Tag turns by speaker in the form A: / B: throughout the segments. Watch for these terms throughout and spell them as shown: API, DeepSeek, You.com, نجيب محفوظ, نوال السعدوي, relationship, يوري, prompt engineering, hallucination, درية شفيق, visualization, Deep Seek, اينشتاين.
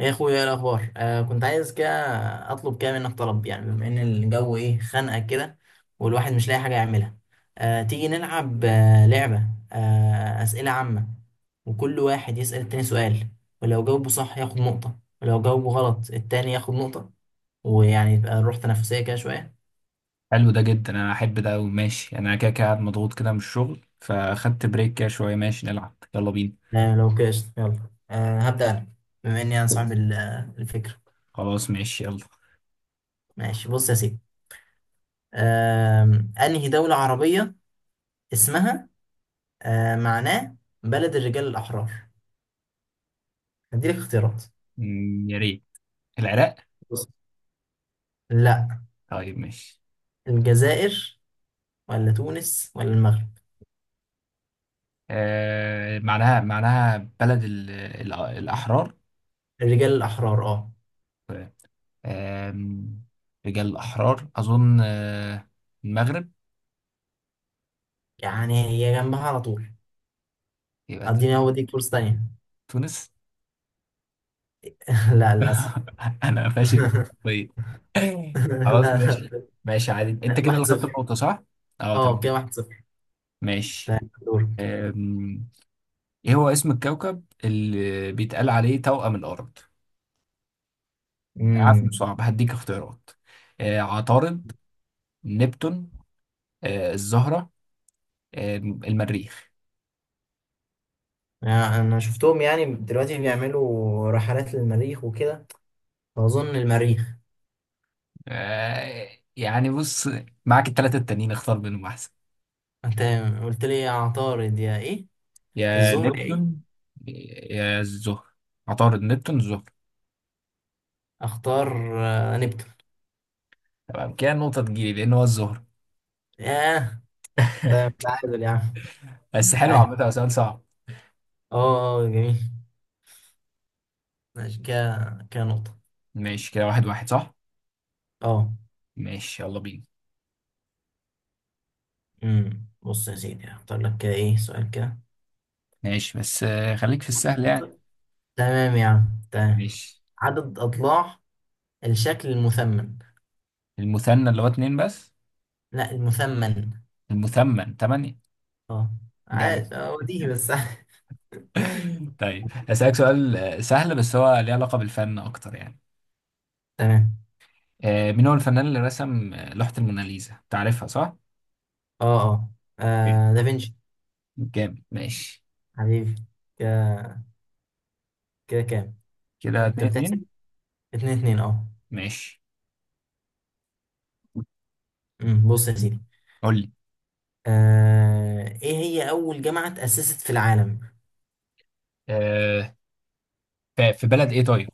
A: يا اخويا، ايه الاخبار؟ كنت عايز كده اطلب كده منك طلب. يعني بما ان الجو ايه خانقه كده، والواحد مش لاقي حاجه يعملها. تيجي نلعب لعبه، اسئله عامه، وكل واحد يسال التاني سؤال، ولو جاوبه صح ياخد نقطه، ولو جاوبه غلط التاني ياخد نقطه، ويعني يبقى الروح تنافسيه كده شويه.
B: حلو ده جدا، انا احب ده أوي. ماشي، انا كده كده قاعد مضغوط كده من الشغل فاخدت بريك كده شويه. ماشي، نلعب يلا بينا.
A: لو كده قشطة، يلا. هبدا انا، بما اني انا صاحب الفكره.
B: خلاص ماشي يلا.
A: ماشي، بص يا سيدي. آه انهي دوله عربيه اسمها، معناه بلد الرجال الأحرار؟ هديلك اختيارات.
B: يا ريت. العراق.
A: بص، لا.
B: طيب ماشي.
A: الجزائر ولا تونس ولا المغرب؟
B: معناها بلد ال الاحرار.
A: الرجال الأحرار، اه.
B: آم، رجال الاحرار اظن المغرب.
A: يعني هي جنبها على طول.
B: يبقى
A: اديني، هو دي فرصة تانية.
B: تونس.
A: لا، للأسف.
B: انا فاشل. طيب،
A: لا،
B: خلاص ماشي.
A: لا.
B: ماشي عادي، انت
A: لا.
B: كده
A: واحد
B: اللي خدت
A: صفر.
B: النقطه، صح؟ اه،
A: اه،
B: تمام.
A: كده واحد صفر.
B: ماشي.
A: طيب، دورك.
B: أم، ايه هو اسم الكوكب اللي بيتقال عليه توأم الأرض؟ عارف انه
A: امم
B: صعب، هديك اختيارات. عطارد. نبتون. الزهرة. المريخ.
A: يعني انا شفتهم يعني دلوقتي بيعملوا رحلات للمريخ وكده، فاظن المريخ.
B: آه يعني بص، معاك التلاتة التانيين اختار منهم أحسن.
A: انت قلت لي يا عطارد يا ايه،
B: يا
A: الزهرة يا ايه؟
B: نبتون، يا الزهرة. عطارد، نبتون، الزهرة.
A: اختار. نبتون.
B: تمام، كده النقطة تجيلي لأن هو الزهرة.
A: ياه. طيب، تعادل يا عم.
B: بس حلو عامة،
A: عادي.
B: هو سؤال صعب.
A: اه، اه، جميل. ماشي، كده كده نقطة.
B: ماشي، كده واحد واحد، صح؟
A: اه.
B: ماشي، يلا بينا.
A: بص يا سيدي، هختار لك كده ايه سؤال كده.
B: ماشي، بس خليك في السهل يعني.
A: تمام يا عم، تمام.
B: ماشي.
A: عدد أضلاع الشكل المثمن؟
B: المثنى اللي هو اتنين بس.
A: لا، المثمن.
B: المثمن تمانية.
A: اه،
B: جميل.
A: عارف. اه، وديه بس.
B: طيب، هسألك سؤال سهل، بس هو ليه علاقة بالفن أكتر يعني.
A: تمام.
B: مين هو الفنان اللي رسم لوحة الموناليزا؟ تعرفها، صح؟
A: اه، اه.
B: أوكي.
A: دافنشي.
B: جامد، ماشي.
A: حبيبي. كده، كده كام؟
B: كده
A: انت
B: اتنين
A: بتحسب؟
B: اتنين.
A: اتنين اتنين، اه.
B: ماشي.
A: بص يا سيدي.
B: قول لي.
A: ايه هي أول جامعة تأسست في العالم؟
B: آه، في بلد إيه طيب؟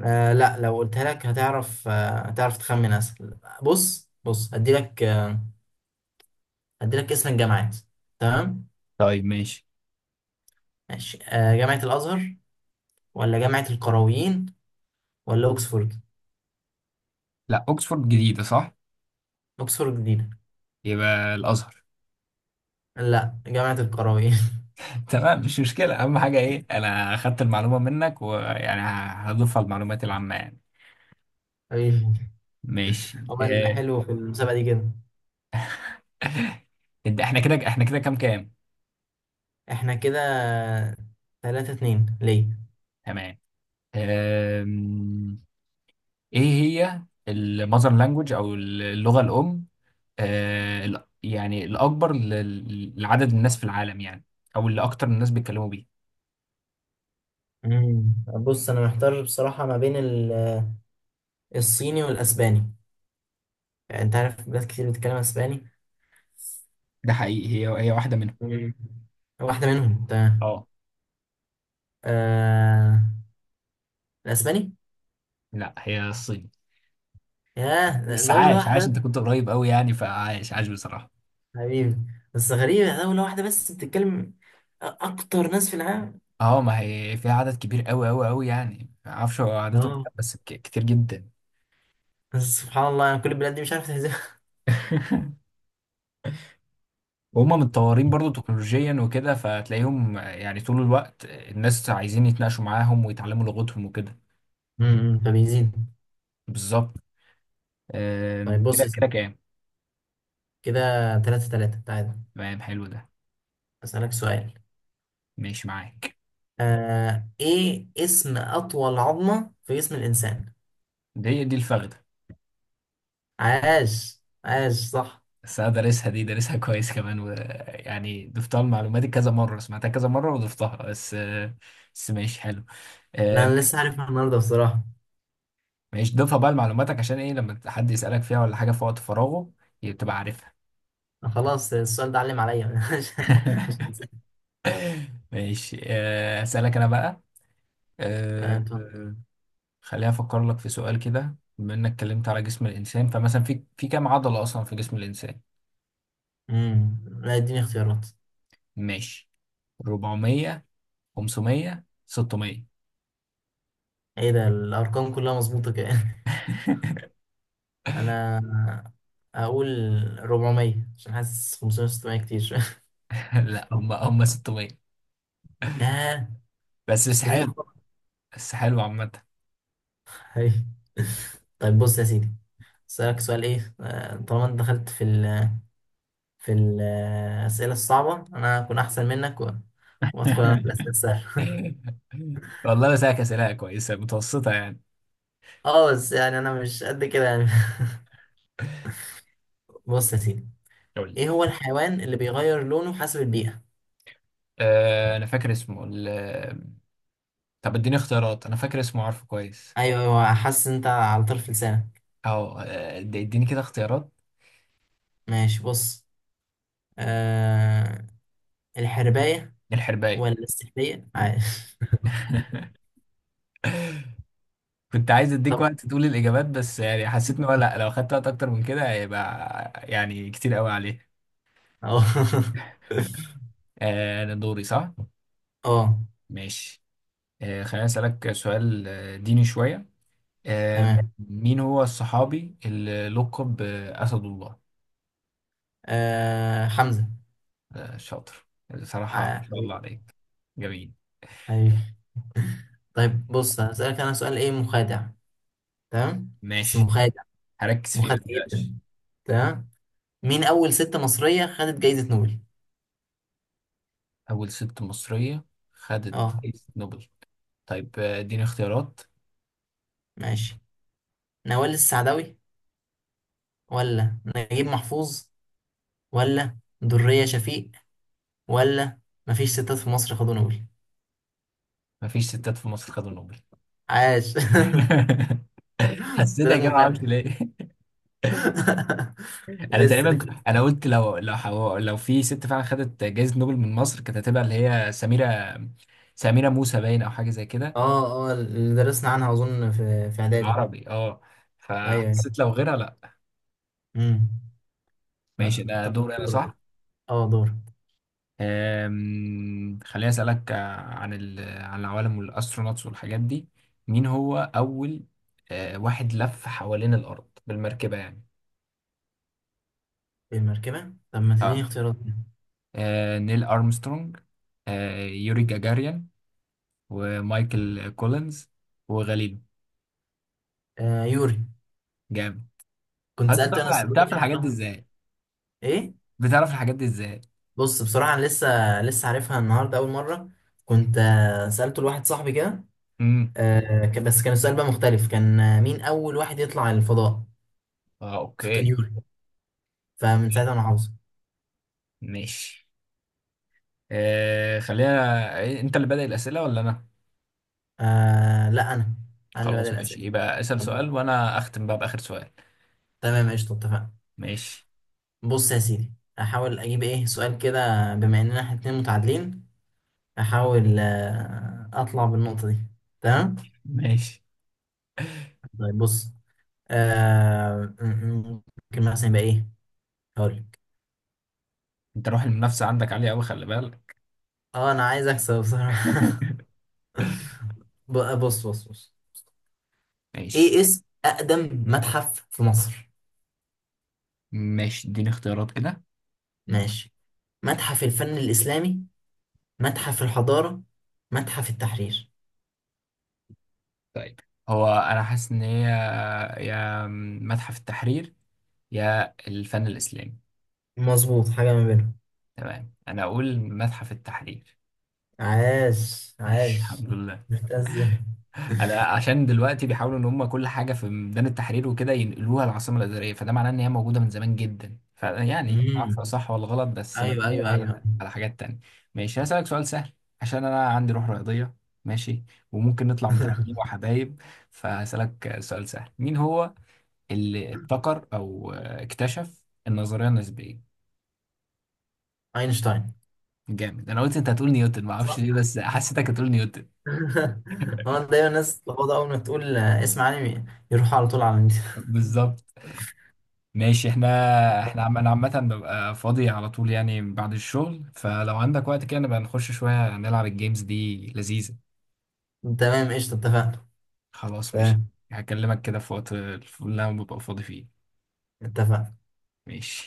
A: لا، لو قلتها لك هتعرف، هتعرف تخمن اسهل. بص بص، هدي لك اسم الجامعات. تمام.
B: طيب ماشي.
A: ماشي، جامعة الازهر ولا جامعة القرويين ولا اوكسفورد؟
B: لا، أوكسفورد جديدة، صح؟
A: اوكسفورد جديدة.
B: يبقى الأزهر.
A: لا، جامعة القرويين.
B: تمام، مش مشكلة، أهم حاجة إيه أنا أخدت المعلومة منك ويعني هضيفها المعلومات العامة يعني.
A: أيوه.
B: ماشي
A: هو الحلو في المسابقة دي كده.
B: إحنا كده كام كام؟
A: احنا كده ثلاثة اتنين، ليه.
B: تمام. آم، ايه هي المذر لانجوج او اللغة الام، يعني الاكبر لعدد الناس في العالم يعني، او اللي اكتر الناس بيتكلموا بيه.
A: مم. بص، انا محتار بصراحة ما بين الصيني والاسباني. يعني انت عارف بلاد كتير بتتكلم اسباني.
B: ده حقيقي، هي واحدة منهم.
A: مم. واحدة منهم، تمام.
B: اه.
A: آه... الأسباني.
B: لا، هي الصين.
A: ياه،
B: بس
A: دولة
B: عاش عاش،
A: واحدة.
B: انت كنت قريب قوي يعني، فعاش عاش بصراحة.
A: حبيبي. بس غريبة، دولة واحدة بس بتتكلم أكتر ناس في العالم،
B: اه، ما هي فيها عدد كبير قوي قوي قوي يعني، ما اعرفش هو عددهم
A: اه.
B: كام، بس كتير جدا.
A: بس سبحان الله، يعني كل البلاد دي مش عارف تهزمها.
B: وهم متطورين برضو تكنولوجيا وكده، فتلاقيهم يعني طول الوقت الناس عايزين يتناقشوا معاهم ويتعلموا لغتهم وكده.
A: فبيزيد.
B: بالظبط.
A: طيب، بص
B: كده
A: يا
B: كده
A: سيدي.
B: كام.
A: كده تلاتة تلاتة، تعالى.
B: تمام، حلو ده.
A: أسألك سؤال.
B: ماشي معاك.
A: إيه اسم أطول عظمة في جسم الإنسان؟
B: دي الفخدة.
A: عاش، عاش، صح.
B: بس انا دارسها دي دارسها كويس كمان، ويعني ضفتها لمعلوماتي كذا مرة، سمعتها كذا مرة وضفتها بس ماشي حلو.
A: لا،
B: آم،
A: أنا لسه عارفها النهاردة بصراحة.
B: ماشي، ضيفها بقى لمعلوماتك عشان ايه لما حد يسألك فيها ولا حاجة في وقت فراغه تبقى عارفها.
A: خلاص، السؤال ده علم عليا. مش هنساه.
B: ماشي، اسألك انا بقى. آه،
A: طب.
B: خليني افكر لك في سؤال كده، بما انك اتكلمت على جسم الانسان، فمثلا في كام عضله اصلا في جسم الانسان؟
A: امم لا، اديني اختيارات.
B: ماشي، 400، 500، 600.
A: ايه ده، الارقام كلها مظبوطه كده؟ انا هقول 400، عشان حاسس 500 600 كتير شويه.
B: لا، هم 600.
A: ياه.
B: بس
A: 600
B: حلو،
A: عقرب.
B: بس حلو عامه.
A: هاي. طيب، بص يا سيدي. اسالك سؤال ايه، طالما انت دخلت في ال في الاسئله الصعبه، انا هكون احسن منك وادخل انا في الاسئله السهله.
B: والله انا ساك اسئله كويسه متوسطه يعني.
A: اه، بس يعني انا مش قد كده يعني. بص يا سيدي،
B: قول لي.
A: ايه هو الحيوان اللي بيغير لونه حسب البيئه؟
B: انا فاكر اسمه طب اديني اختيارات، انا فاكر اسمه، عارفه كويس.
A: ايوه، ايوه، حاسس انت على طرف لسانك.
B: او اديني كده اختيارات.
A: ماشي، بص. آه الحرباية
B: الحرباية.
A: ولا السحلية، عارف؟
B: كنت عايز اديك
A: طب،
B: وقت تقول الاجابات، بس يعني حسيت ان هو لا، لو خدت وقت اكتر من كده هيبقى يعني كتير قوي عليه.
A: اه.
B: انا دوري، صح؟
A: اه،
B: ماشي. خليني اسالك سؤال ديني شويه.
A: تمام.
B: مين هو الصحابي اللي لقب باسد الله؟
A: حمزة.
B: شاطر، بصراحه ما شاء الله
A: حبيبي.
B: عليك. جميل.
A: حبيبي. طيب، بص، هسألك أنا سؤال إيه مخادع. تمام. بس
B: ماشي،
A: مخادع،
B: هركز فيه، ما
A: مخادع جدا.
B: تقلقش.
A: تمام. مين أول ست مصرية خدت جايزة نوبل؟
B: اول ست مصريه خدت
A: اه.
B: جايزه نوبل. طيب، اديني اختيارات.
A: ماشي. نوال السعدوي ولا نجيب محفوظ ولا درية شفيق، ولا مفيش ستات في مصر خدوا نوبل؟
B: مفيش ستات في مصر خدوا نوبل.
A: عاش. ده
B: حسيتها
A: لك
B: كده، معرفش
A: مخادع.
B: ليه. انا
A: لسه،
B: تقريبا
A: لسه.
B: انا قلت لو لو في ست فعلا خدت جائزه نوبل من مصر، كانت هتبقى اللي هي سميره. سميره موسى، باين، او حاجه زي كده.
A: اه، اه، اللي درسنا عنها اظن في اعدادي.
B: بالعربي اه.
A: ايوه، ايوه.
B: فحسيت لو غيرها لا.
A: امم
B: ماشي، ده
A: طب،
B: دور انا،
A: دورك بقى.
B: صح؟
A: اه، دور.
B: خليني اسالك عن عن العوالم والاسترونوتس والحاجات دي. مين هو اول واحد لف حوالين الارض بالمركبه يعني؟
A: في المركبه؟ طب ما تديني
B: اه،
A: اختيارات كده.
B: نيل ارمسترونج، يوري جاجاريان، ومايكل كولينز، وغاليلو.
A: يوري.
B: جامد.
A: كنت
B: انت
A: سالت
B: بتعرف
A: انا السؤال ده
B: بتعرف
A: واحد
B: الحاجات دي
A: صاحبي.
B: ازاي؟
A: ايه؟
B: بتعرف الحاجات دي ازاي؟
A: بص، بصراحه أنا لسه لسه عارفها النهارده اول مره. كنت سالته لواحد صاحبي كده.
B: امم.
A: بس كان السؤال بقى مختلف. كان مين اول واحد يطلع الفضاء.
B: اه،
A: فكان
B: اوكي.
A: يوري، فمن ساعتها
B: تمام.
A: انا حافظه.
B: ماشي، خلينا إيه، انت اللي بادئ الاسئله ولا انا؟
A: لا، انا اللي بدأ
B: خلاص ماشي،
A: الاسئله.
B: يبقى اسال سؤال
A: طب،
B: وانا اختم بقى باخر سؤال.
A: تمام، قشطه، اتفقنا.
B: ماشي.
A: بص يا سيدي، احاول اجيب ايه سؤال كده. بما اننا احنا اتنين متعادلين، احاول اطلع بالنقطة دي. تمام.
B: ماشي،
A: طيب، بص. آه، م- م- ممكن مثلا يبقى ايه، هقول لك.
B: انت روح المنافسه عندك عاليه قوي، خلي بالك.
A: اه، انا عايز اكسب بصراحة. بص بص بص.
B: ماشي.
A: ايه اسم اقدم متحف في مصر؟
B: ماشي، اديني اختيارات كده.
A: ماشي. متحف الفن الاسلامي، متحف الحضارة، متحف التحرير.
B: طيب، هو انا حاسس ان هي يا متحف التحرير، يا الفن الاسلامي.
A: مظبوط حاجة ما بينهم.
B: تمام، انا اقول متحف التحرير.
A: عاش، عاش.
B: الحمد لله.
A: جبتها ازاي؟
B: انا عشان دلوقتي بيحاولوا ان هم كل حاجه في ميدان التحرير وكده ينقلوها العاصمه الاداريه، فده معناه ان هي موجوده من زمان جدا، فيعني ما
A: امم
B: اعرف صح ولا غلط، بس
A: ايوه،
B: مبنيه
A: ايوه، ايوه.
B: على حاجات تانية. ماشي، هسألك سؤال سهل، عشان انا عندي روح رياضيه، ماشي، وممكن نطلع متعادلين وحبايب. فهسألك سؤال سهل، مين هو اللي ابتكر او اكتشف النظريه النسبيه؟
A: اينشتاين.
B: جامد، انا قلت انت هتقول نيوتن، ما اعرفش ليه،
A: صح.
B: بس حسيتك هتقول نيوتن.
A: هو دايما الناس تلخبط، اول ما تقول اسم عالمي يروح على طول على النت.
B: بالظبط. ماشي، احنا انا عامة ببقى فاضي على طول يعني بعد الشغل، فلو عندك وقت كده نبقى نخش شوية نلعب الجيمز دي لذيذة.
A: تمام، قشطه، اتفقنا.
B: خلاص ماشي.
A: تمام،
B: هكلمك كده في وقت اللي انا ببقى فاضي فيه.
A: اتفقنا.
B: ماشي.